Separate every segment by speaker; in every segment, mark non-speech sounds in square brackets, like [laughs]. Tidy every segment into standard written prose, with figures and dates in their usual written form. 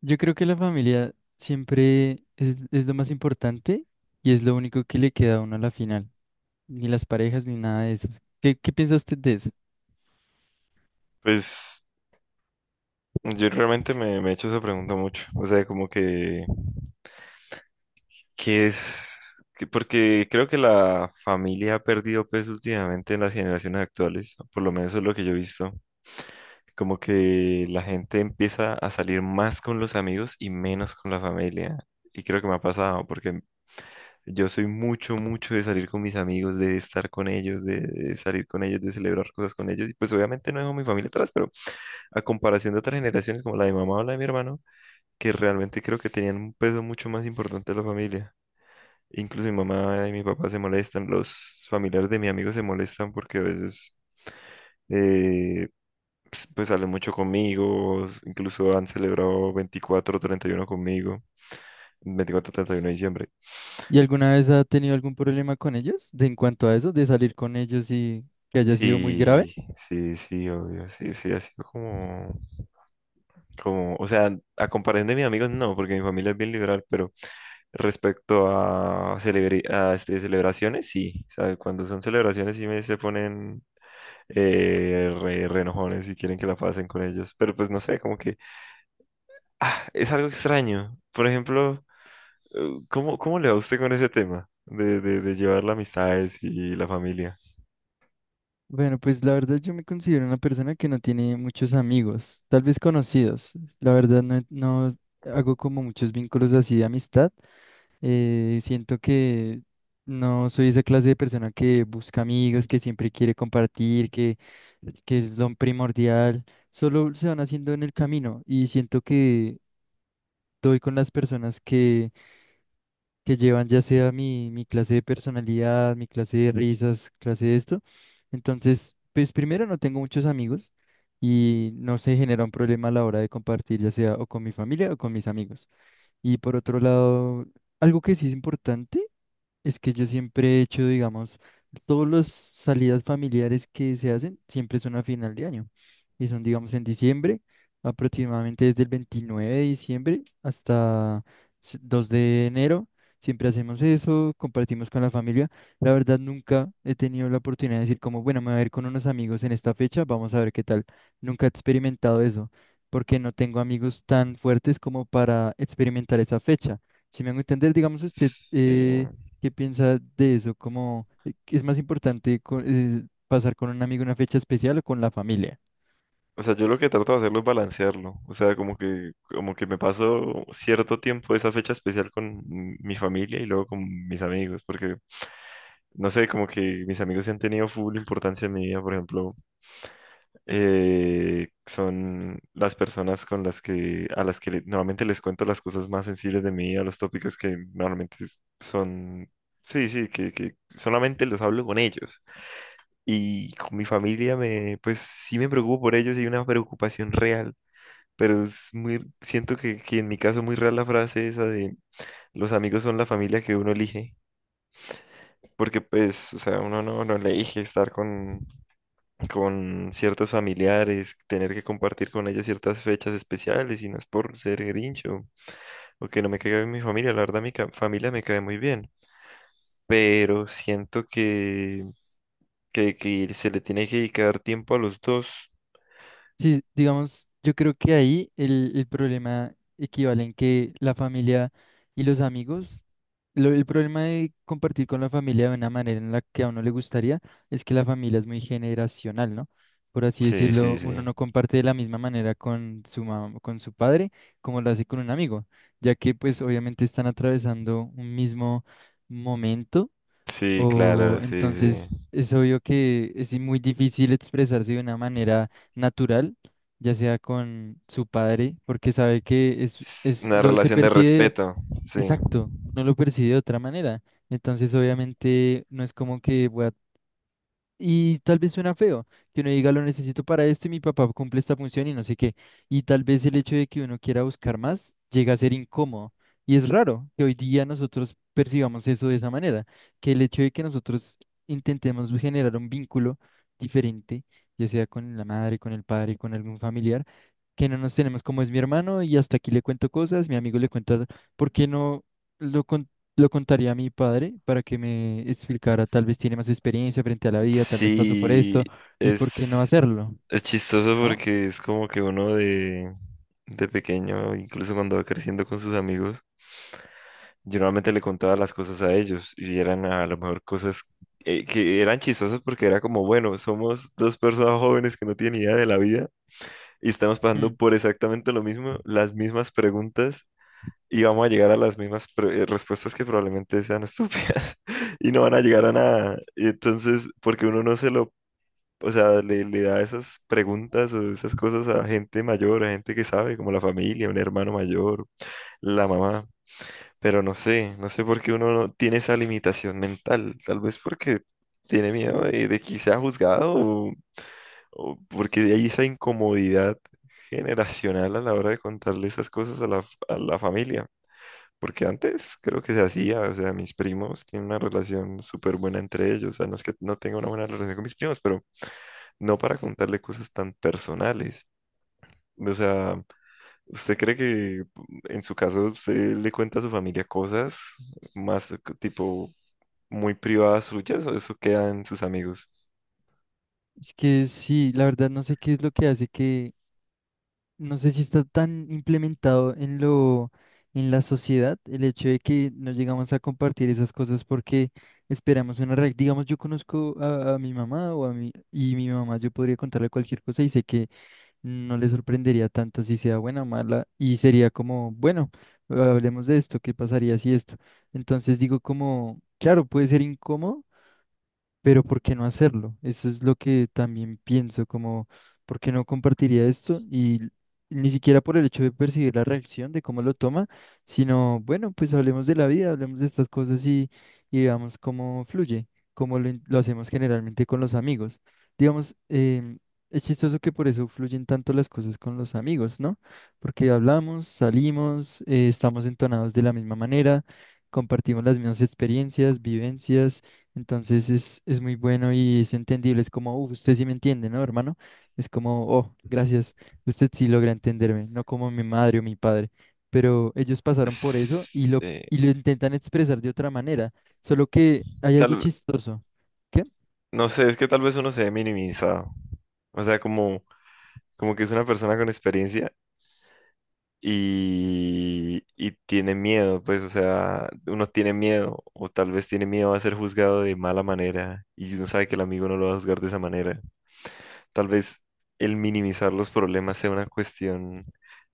Speaker 1: Yo creo que la familia siempre es lo más importante y es lo único que le queda a uno a la final. Ni las parejas ni nada de eso. ¿Qué piensa usted de eso?
Speaker 2: Pues yo realmente me he hecho esa pregunta mucho. O sea, como que, ¿qué es? Porque creo que la familia ha perdido peso últimamente en las generaciones actuales, por lo menos eso es lo que yo he visto. Como que la gente empieza a salir más con los amigos y menos con la familia. Y creo que me ha pasado, porque yo soy mucho, mucho de salir con mis amigos, de estar con ellos, de salir con ellos, de celebrar cosas con ellos. Y pues obviamente no dejo a mi familia atrás, pero a comparación de otras generaciones como la de mi mamá o la de mi hermano que realmente creo que tenían un peso mucho más importante de la familia. Incluso mi mamá y mi papá se molestan, los familiares de mi amigo se molestan porque a veces eh, pues, pues salen mucho conmigo, incluso han celebrado 24 o 31 conmigo, 24 o 31 de diciembre.
Speaker 1: ¿Y alguna vez ha tenido algún problema con ellos en cuanto a eso, de salir con ellos y que haya sido muy grave?
Speaker 2: Sí, sí, sí, obvio, sí, sí, ha sido como, como, o sea, a comparación de mis amigos no, porque mi familia es bien liberal, pero respecto a, a este, celebraciones, sí, ¿sabe? Cuando son celebraciones sí me se ponen re enojones y quieren que la pasen con ellos, pero pues no sé, como que ah, es algo extraño. Por ejemplo, ¿cómo, cómo le va a usted con ese tema de, de llevar las amistades y la familia?
Speaker 1: Bueno, pues la verdad yo me considero una persona que no tiene muchos amigos, tal vez conocidos. La verdad no hago como muchos vínculos así de amistad. Siento que no soy esa clase de persona que busca amigos, que siempre quiere compartir, que es lo primordial. Solo se van haciendo en el camino y siento que doy con las personas que llevan ya sea mi clase de personalidad, mi clase de risas, clase de esto. Entonces, pues primero no tengo muchos amigos y no se genera un problema a la hora de compartir, ya sea o con mi familia o con mis amigos. Y por otro lado, algo que sí es importante. Es que yo siempre he hecho, digamos, todas las salidas familiares que se hacen siempre son a final de año. Y son, digamos, en diciembre, aproximadamente desde el 29 de diciembre hasta 2 de enero. Siempre hacemos eso, compartimos con la familia. La verdad, nunca he tenido la oportunidad de decir como, bueno, me voy a ver con unos amigos en esta fecha, vamos a ver qué tal. Nunca he experimentado eso, porque no tengo amigos tan fuertes como para experimentar esa fecha. Si me hago entender, digamos, usted.
Speaker 2: Sí.
Speaker 1: ¿Qué piensa de eso? ¿Cómo qué es más importante pasar con un amigo una fecha especial o con la familia?
Speaker 2: O sea, yo lo que trato de hacerlo es balancearlo. O sea, como que me paso cierto tiempo esa fecha especial con mi familia y luego con mis amigos, porque no sé, como que mis amigos sí han tenido full importancia en mi vida, por ejemplo, son las personas con las que, a las que le- normalmente les cuento las cosas más sensibles de mi vida, los tópicos que normalmente son, sí, sí, que solamente los hablo con ellos. Y con mi familia me, pues sí me preocupo por ellos y hay una preocupación real, pero es muy, siento que en mi caso muy rara la frase esa de los amigos son la familia que uno elige, porque pues, o sea, uno no, no elige estar con ciertos familiares, tener que compartir con ellos ciertas fechas especiales, y no es por ser grincho o que no me caiga bien mi familia, la verdad familia me cae muy bien, pero siento que se le tiene que dedicar tiempo a los dos.
Speaker 1: Sí, digamos, yo creo que ahí el problema equivale en que la familia y los amigos, el problema de compartir con la familia de una manera en la que a uno le gustaría es que la familia es muy generacional, ¿no? Por así
Speaker 2: Sí, sí,
Speaker 1: decirlo, uno
Speaker 2: sí.
Speaker 1: no comparte de la misma manera con su mamá, con su padre, como lo hace con un amigo, ya que pues obviamente están atravesando un mismo momento
Speaker 2: Sí, claro,
Speaker 1: o
Speaker 2: sí, sí.
Speaker 1: entonces es obvio que es muy difícil expresarse de una manera natural, ya sea con su padre, porque sabe que es,
Speaker 2: Es
Speaker 1: es
Speaker 2: una
Speaker 1: lo se
Speaker 2: relación de
Speaker 1: percibe
Speaker 2: respeto, sí.
Speaker 1: exacto, no lo percibe de otra manera. Entonces, obviamente, no es como que voy a y tal vez suena feo, que uno diga lo necesito para esto y mi papá cumple esta función y no sé qué. Y tal vez el hecho de que uno quiera buscar más llega a ser incómodo. Y es raro que hoy día nosotros percibamos eso de esa manera, que el hecho de que nosotros intentemos generar un vínculo diferente, ya sea con la madre, con el padre, con algún familiar, que no nos tenemos como es mi hermano y hasta aquí le cuento cosas, mi amigo le cuenta, ¿por qué no? lo, lo contaría a mi padre para que me explicara, tal vez tiene más experiencia frente a la vida, tal vez pasó por
Speaker 2: Sí,
Speaker 1: esto, y por qué
Speaker 2: es,
Speaker 1: no hacerlo,
Speaker 2: es chistoso
Speaker 1: ¿no?
Speaker 2: porque es como que uno de pequeño, incluso cuando va creciendo con sus amigos, yo normalmente le contaba las cosas a ellos y eran a lo mejor cosas que eran chistosas porque era como, bueno, somos dos personas jóvenes que no tienen idea de la vida y estamos pasando
Speaker 1: Mm.
Speaker 2: por exactamente lo mismo, las mismas preguntas y vamos a llegar a las mismas respuestas que probablemente sean estúpidas [laughs] y no van a llegar a nada. Y entonces, porque uno no se lo, o sea, le da esas preguntas o esas cosas a gente mayor, a gente que sabe, como la familia, un hermano mayor, la mamá. Pero no sé, no sé por qué uno no tiene esa limitación mental. Tal vez porque tiene miedo de que sea juzgado o porque hay esa incomodidad generacional a la hora de contarle esas cosas a la familia. Porque antes creo que se hacía, o sea, mis primos tienen una relación súper buena entre ellos, o sea, no es que no tenga una buena relación con mis primos, pero no para contarle cosas tan personales. O sea, ¿usted cree que en su caso usted le cuenta a su familia cosas más tipo muy privadas suyas o eso queda en sus amigos?
Speaker 1: Es que sí, la verdad no sé qué es lo que hace que, no sé si está tan implementado en la sociedad, el hecho de que no llegamos a compartir esas cosas porque esperamos una reacción. Digamos, yo conozco a mi mamá o y mi mamá yo podría contarle cualquier cosa y sé que no le sorprendería tanto si sea buena o mala y sería como, bueno, hablemos de esto, ¿qué pasaría si esto? Entonces digo como, claro, puede ser incómodo, pero ¿por qué no hacerlo? Eso es lo que también pienso, como, ¿por qué no compartiría esto? Y ni siquiera por el hecho de percibir la reacción, de cómo lo toma, sino, bueno, pues hablemos de la vida, hablemos de estas cosas y veamos cómo fluye, como lo hacemos generalmente con los amigos. Digamos, es chistoso que por eso fluyen tanto las cosas con los amigos, ¿no? Porque hablamos, salimos, estamos entonados de la misma manera. Compartimos las mismas experiencias, vivencias, entonces es muy bueno y es entendible. Es como, "Uf, usted sí me entiende, ¿no, hermano?". Es como, oh, gracias, usted sí logra entenderme, no como mi madre o mi padre. Pero ellos pasaron por eso y
Speaker 2: Es,
Speaker 1: lo, y lo intentan expresar de otra manera. Solo que hay
Speaker 2: tal,
Speaker 1: algo
Speaker 2: ve-
Speaker 1: chistoso. ¿Qué?
Speaker 2: no sé, es que tal vez uno se ve minimizado. O sea, como, como que es una persona con experiencia y tiene miedo, pues, o sea, uno tiene miedo o tal vez tiene miedo a ser juzgado de mala manera y uno sabe que el amigo no lo va a juzgar de esa manera. Tal vez el minimizar los problemas sea una cuestión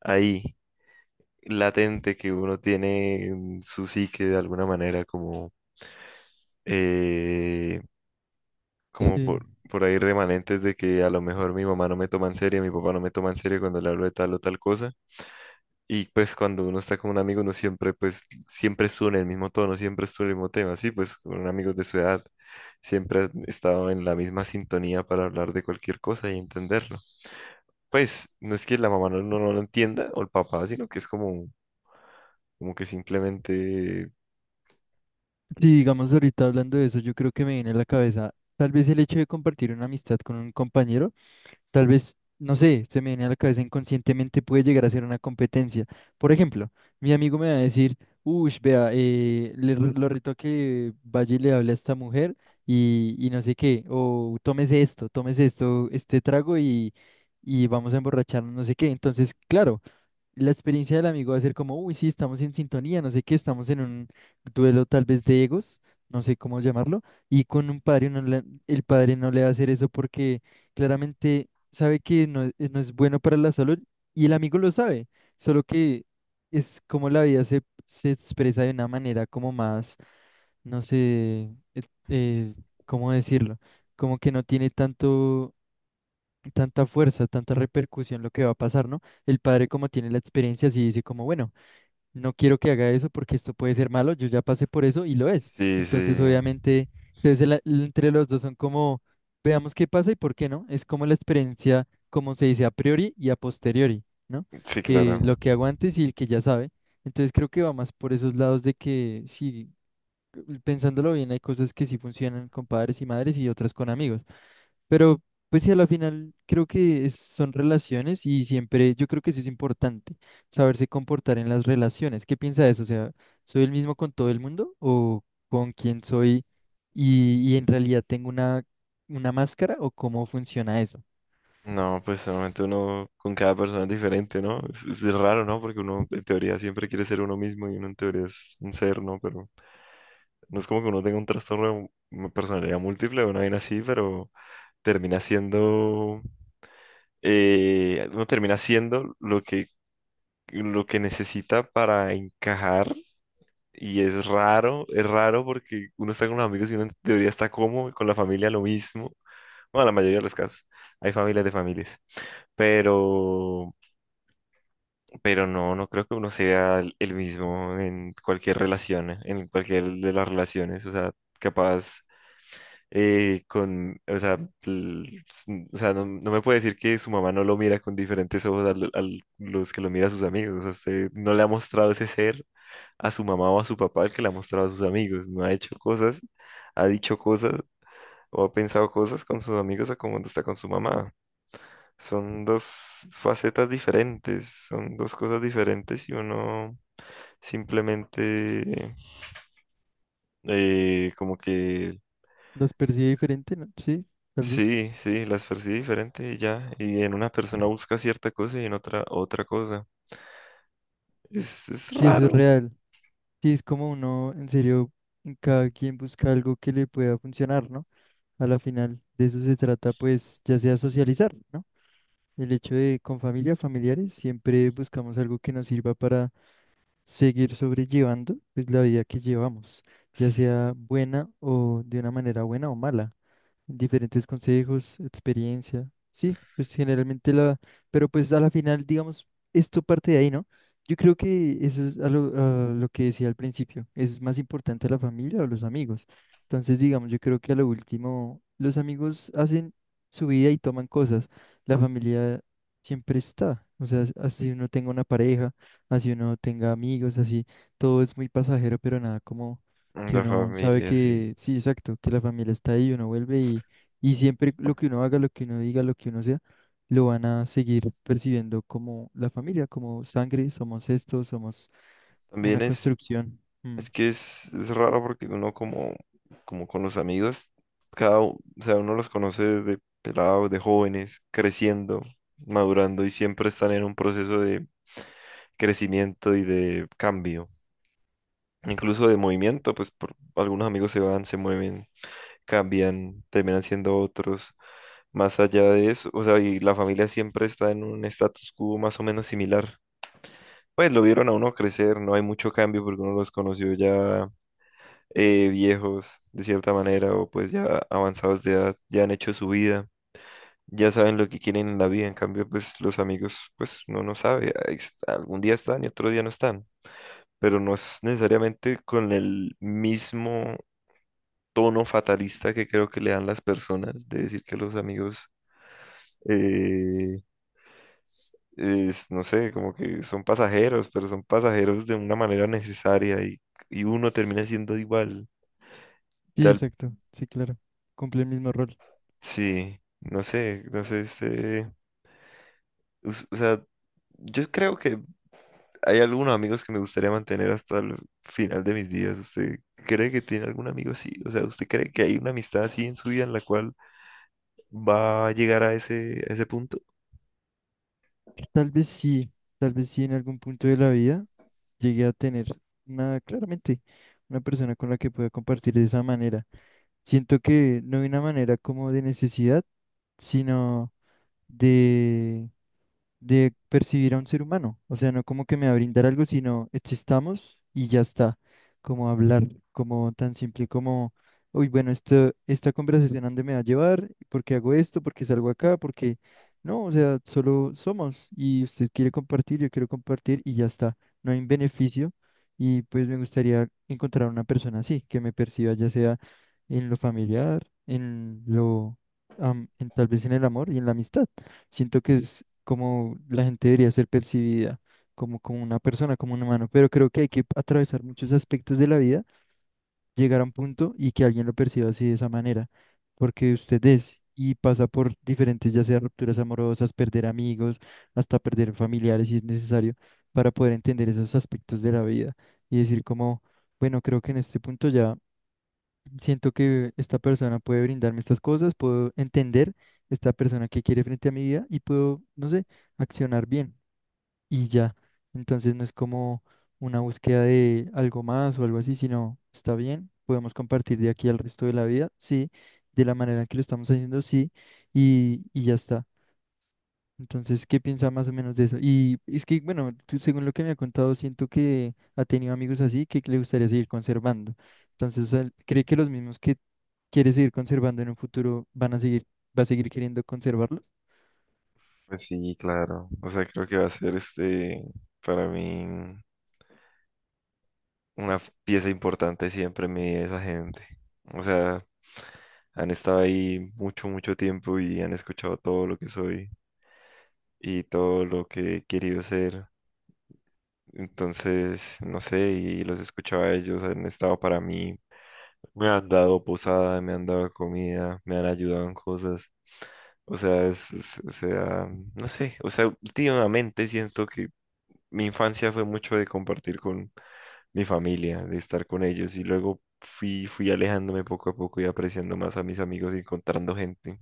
Speaker 2: ahí latente que uno tiene en su psique de alguna manera, como, eh, como
Speaker 1: Sí.
Speaker 2: por ahí remanentes de que a lo mejor mi mamá no me toma en serio, mi papá no me toma en serio cuando le hablo de tal o tal cosa. Y pues cuando uno está con un amigo, uno siempre, pues, siempre estuvo en el mismo tono, siempre estuvo en el mismo tema, sí, pues con amigos de su edad, siempre han estado en la misma sintonía para hablar de cualquier cosa y entenderla. Pues no es que la mamá no, no, no lo entienda o el papá, sino que es como, como que simplemente,
Speaker 1: Sí, digamos, ahorita hablando de eso, yo creo que me viene a la cabeza tal vez el hecho de compartir una amistad con un compañero. Tal vez, no sé, se me viene a la cabeza inconscientemente, puede llegar a ser una competencia. Por ejemplo, mi amigo me va a decir, uy, vea, lo reto a que vaya y le hable a esta mujer y no sé qué, o tómese esto, este trago y vamos a emborracharnos, no sé qué. Entonces, claro, la experiencia del amigo va a ser como, uy, sí, estamos en sintonía, no sé qué, estamos en un duelo tal vez de egos, no sé cómo llamarlo, y con un padre, el padre no le va a hacer eso porque claramente sabe que no, no es bueno para la salud y el amigo lo sabe, solo que es como la vida se expresa de una manera como más, no sé, eh, eh, ¿cómo decirlo? Como que no tiene tanto tanta fuerza, tanta repercusión lo que va a pasar, ¿no? El padre como tiene la experiencia, sí dice como, bueno, no quiero que haga eso porque esto puede ser malo, yo ya pasé por eso y lo es.
Speaker 2: sí,
Speaker 1: Entonces,
Speaker 2: sí,
Speaker 1: obviamente, entonces entre los dos son como, veamos qué pasa y por qué no. Es como la experiencia, como se dice a priori y a posteriori, ¿no?
Speaker 2: sí, claro.
Speaker 1: Que lo que hago antes y el que ya sabe. Entonces creo que va más por esos lados de que sí, pensándolo bien, hay cosas que sí funcionan con padres y madres y otras con amigos. Pero pues sí, a la final creo que son relaciones y siempre yo creo que eso es importante, saberse comportar en las relaciones. ¿Qué piensa de eso? O sea, ¿soy el mismo con todo el mundo o con quién soy y en realidad tengo una máscara o cómo funciona eso?
Speaker 2: No, pues solamente uno con cada persona es diferente, ¿no? Es raro, ¿no? Porque uno en teoría siempre quiere ser uno mismo y uno en teoría es un ser, ¿no? Pero no es como que uno tenga un trastorno de personalidad múltiple o una vaina así, pero termina siendo, uno termina siendo lo que necesita para encajar. Y es raro porque uno está con los amigos y uno en teoría está cómodo, con la familia lo mismo. Bueno, la mayoría de los casos. Hay familias de familias. Pero, pero no, no creo que uno sea el mismo en cualquier relación, en cualquier de las relaciones. O sea, capaz con, o sea, l- s- o sea, no, no me puede decir que su mamá no lo mira con diferentes ojos a, los que lo mira a sus amigos. O sea, usted no le ha mostrado ese ser a su mamá o a su papá el que le ha mostrado a sus amigos. No ha hecho cosas, ha dicho cosas o ha pensado cosas con sus amigos a como cuando está con su mamá. Son dos facetas diferentes, son dos cosas diferentes y uno simplemente como que,
Speaker 1: ¿Los percibe diferente? ¿No? Sí, tal vez.
Speaker 2: sí, sí, las percibe diferente y ya. Y en una persona busca cierta cosa y en otra otra cosa. Es
Speaker 1: Sí, eso es
Speaker 2: raro.
Speaker 1: real. Sí, es como uno, en serio, en cada quien busca algo que le pueda funcionar, ¿no? A la final de eso se trata, pues, ya sea socializar, ¿no? El hecho de con familia, familiares, siempre buscamos algo que nos sirva para seguir sobrellevando pues la vida que llevamos, ya
Speaker 2: Es-
Speaker 1: sea buena o de una manera buena o mala diferentes consejos, experiencia. Sí, pues generalmente pero pues a la final, digamos, esto parte de ahí, ¿no? Yo creo que eso es a lo que decía al principio, es más importante la familia o los amigos. Entonces, digamos, yo creo que a lo último, los amigos hacen su vida y toman cosas, la familia siempre está, o sea, así uno tenga una pareja, así uno tenga amigos, así, todo es muy pasajero, pero nada como que
Speaker 2: La
Speaker 1: uno sabe
Speaker 2: familia, sí.
Speaker 1: que, sí, exacto, que la familia está ahí, uno vuelve y siempre lo que uno haga, lo que uno diga, lo que uno sea, lo van a seguir percibiendo como la familia, como sangre, somos esto, somos una
Speaker 2: También
Speaker 1: construcción. Mm.
Speaker 2: es que es raro porque uno como, como con los amigos, o sea, uno los conoce de pelados, de jóvenes, creciendo, madurando y siempre están en un proceso de crecimiento y de cambio. Incluso de movimiento, pues por, algunos amigos se van, se mueven, cambian, terminan siendo otros. Más allá de eso, o sea, y la familia siempre está en un status quo más o menos similar. Pues lo vieron a uno crecer, no hay mucho cambio porque uno los conoció ya viejos de cierta manera o pues ya avanzados de edad, ya han hecho su vida, ya saben lo que quieren en la vida. En cambio, pues los amigos, pues no, no sabe, ahí algún día están y otro día no están, pero no es necesariamente con el mismo tono fatalista que creo que le dan las personas de decir que los amigos... eh, es, no sé, como que son pasajeros, pero son pasajeros de una manera necesaria y uno termina siendo igual.
Speaker 1: Sí,
Speaker 2: Tal,
Speaker 1: exacto, sí, claro, cumple el mismo rol.
Speaker 2: sí, no sé, no sé, este, o sea, yo creo que hay algunos amigos que me gustaría mantener hasta el final de mis días. ¿Usted cree que tiene algún amigo así? O sea, ¿usted cree que hay una amistad así en su vida en la cual va a llegar a ese punto?
Speaker 1: Tal vez sí, tal vez sí en algún punto de la vida llegué a tener una, claramente, una persona con la que pueda compartir de esa manera. Siento que no de una manera como de necesidad, sino de de percibir a un ser humano. O sea, no como que me va a brindar algo, sino existamos y ya está. Como hablar, como tan simple como, uy, bueno, esto, esta conversación a dónde me va a llevar, por qué hago esto, por qué salgo acá, porque no, o sea, solo somos y usted quiere compartir, yo quiero compartir y ya está. No hay un beneficio y pues me gustaría encontrar una persona así, que me perciba ya sea en lo familiar, en lo, am- en, tal vez en el amor y en la amistad. Siento que es como la gente debería ser percibida, como una persona, como un humano, pero creo que hay que atravesar muchos aspectos de la vida, llegar a un punto y que alguien lo perciba así de esa manera, porque usted es y pasa por diferentes, ya sea rupturas amorosas, perder amigos, hasta perder familiares si es necesario, para poder entender esos aspectos de la vida y decir como, bueno, creo que en este punto ya siento que esta persona puede brindarme estas cosas, puedo entender esta persona que quiere frente a mi vida y puedo, no sé, accionar bien y ya. Entonces no es como una búsqueda de algo más o algo así, sino está bien, podemos compartir de aquí al resto de la vida, sí, de la manera que lo estamos haciendo, sí, y ya está. Entonces, ¿qué piensa más o menos de eso? Y es que, bueno, tú, según lo que me ha contado, siento que ha tenido amigos así que le gustaría seguir conservando. Entonces, o sea, él, ¿cree que los mismos que quiere seguir conservando en un futuro va a seguir queriendo conservarlos?
Speaker 2: Pues sí, claro. O sea, creo que va a ser este, para mí una pieza importante siempre en mi vida esa gente. O sea, han estado ahí mucho, mucho tiempo y han escuchado todo lo que soy y todo lo que he querido ser. Entonces, no sé, y los escuchaba a ellos, han estado para mí, me han dado posada, me han dado comida, me han ayudado en cosas. O sea, o sea, no sé, o sea, últimamente siento que mi infancia fue mucho de compartir con mi familia, de estar con ellos y luego fui, fui alejándome poco a poco y apreciando más a mis amigos y encontrando gente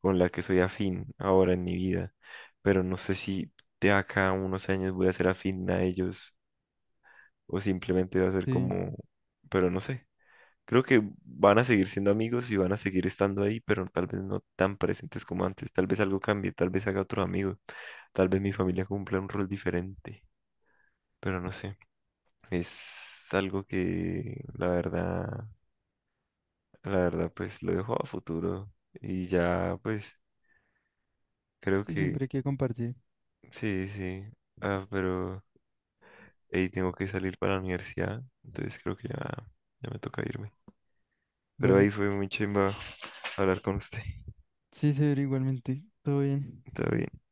Speaker 2: con la que soy afín ahora en mi vida. Pero no sé si de acá a unos años voy a ser afín a ellos o simplemente va a ser
Speaker 1: Sí,
Speaker 2: como, pero no sé. Creo que van a seguir siendo amigos y van a seguir estando ahí, pero tal vez no tan presentes como antes. Tal vez algo cambie, tal vez haga otro amigo, tal vez mi familia cumpla un rol diferente, pero no sé. Es algo que la verdad, pues lo dejo a futuro. Y ya, pues, creo
Speaker 1: sí,
Speaker 2: que
Speaker 1: siempre hay que compartir,
Speaker 2: sí, sí. Ah, pero ahí tengo que salir para la universidad. Entonces creo que ya, ya me toca irme. Pero
Speaker 1: ¿vale?
Speaker 2: ahí fue muy chimba hablar con usted.
Speaker 1: Sí, señor, igualmente, todo bien.
Speaker 2: Todo bien.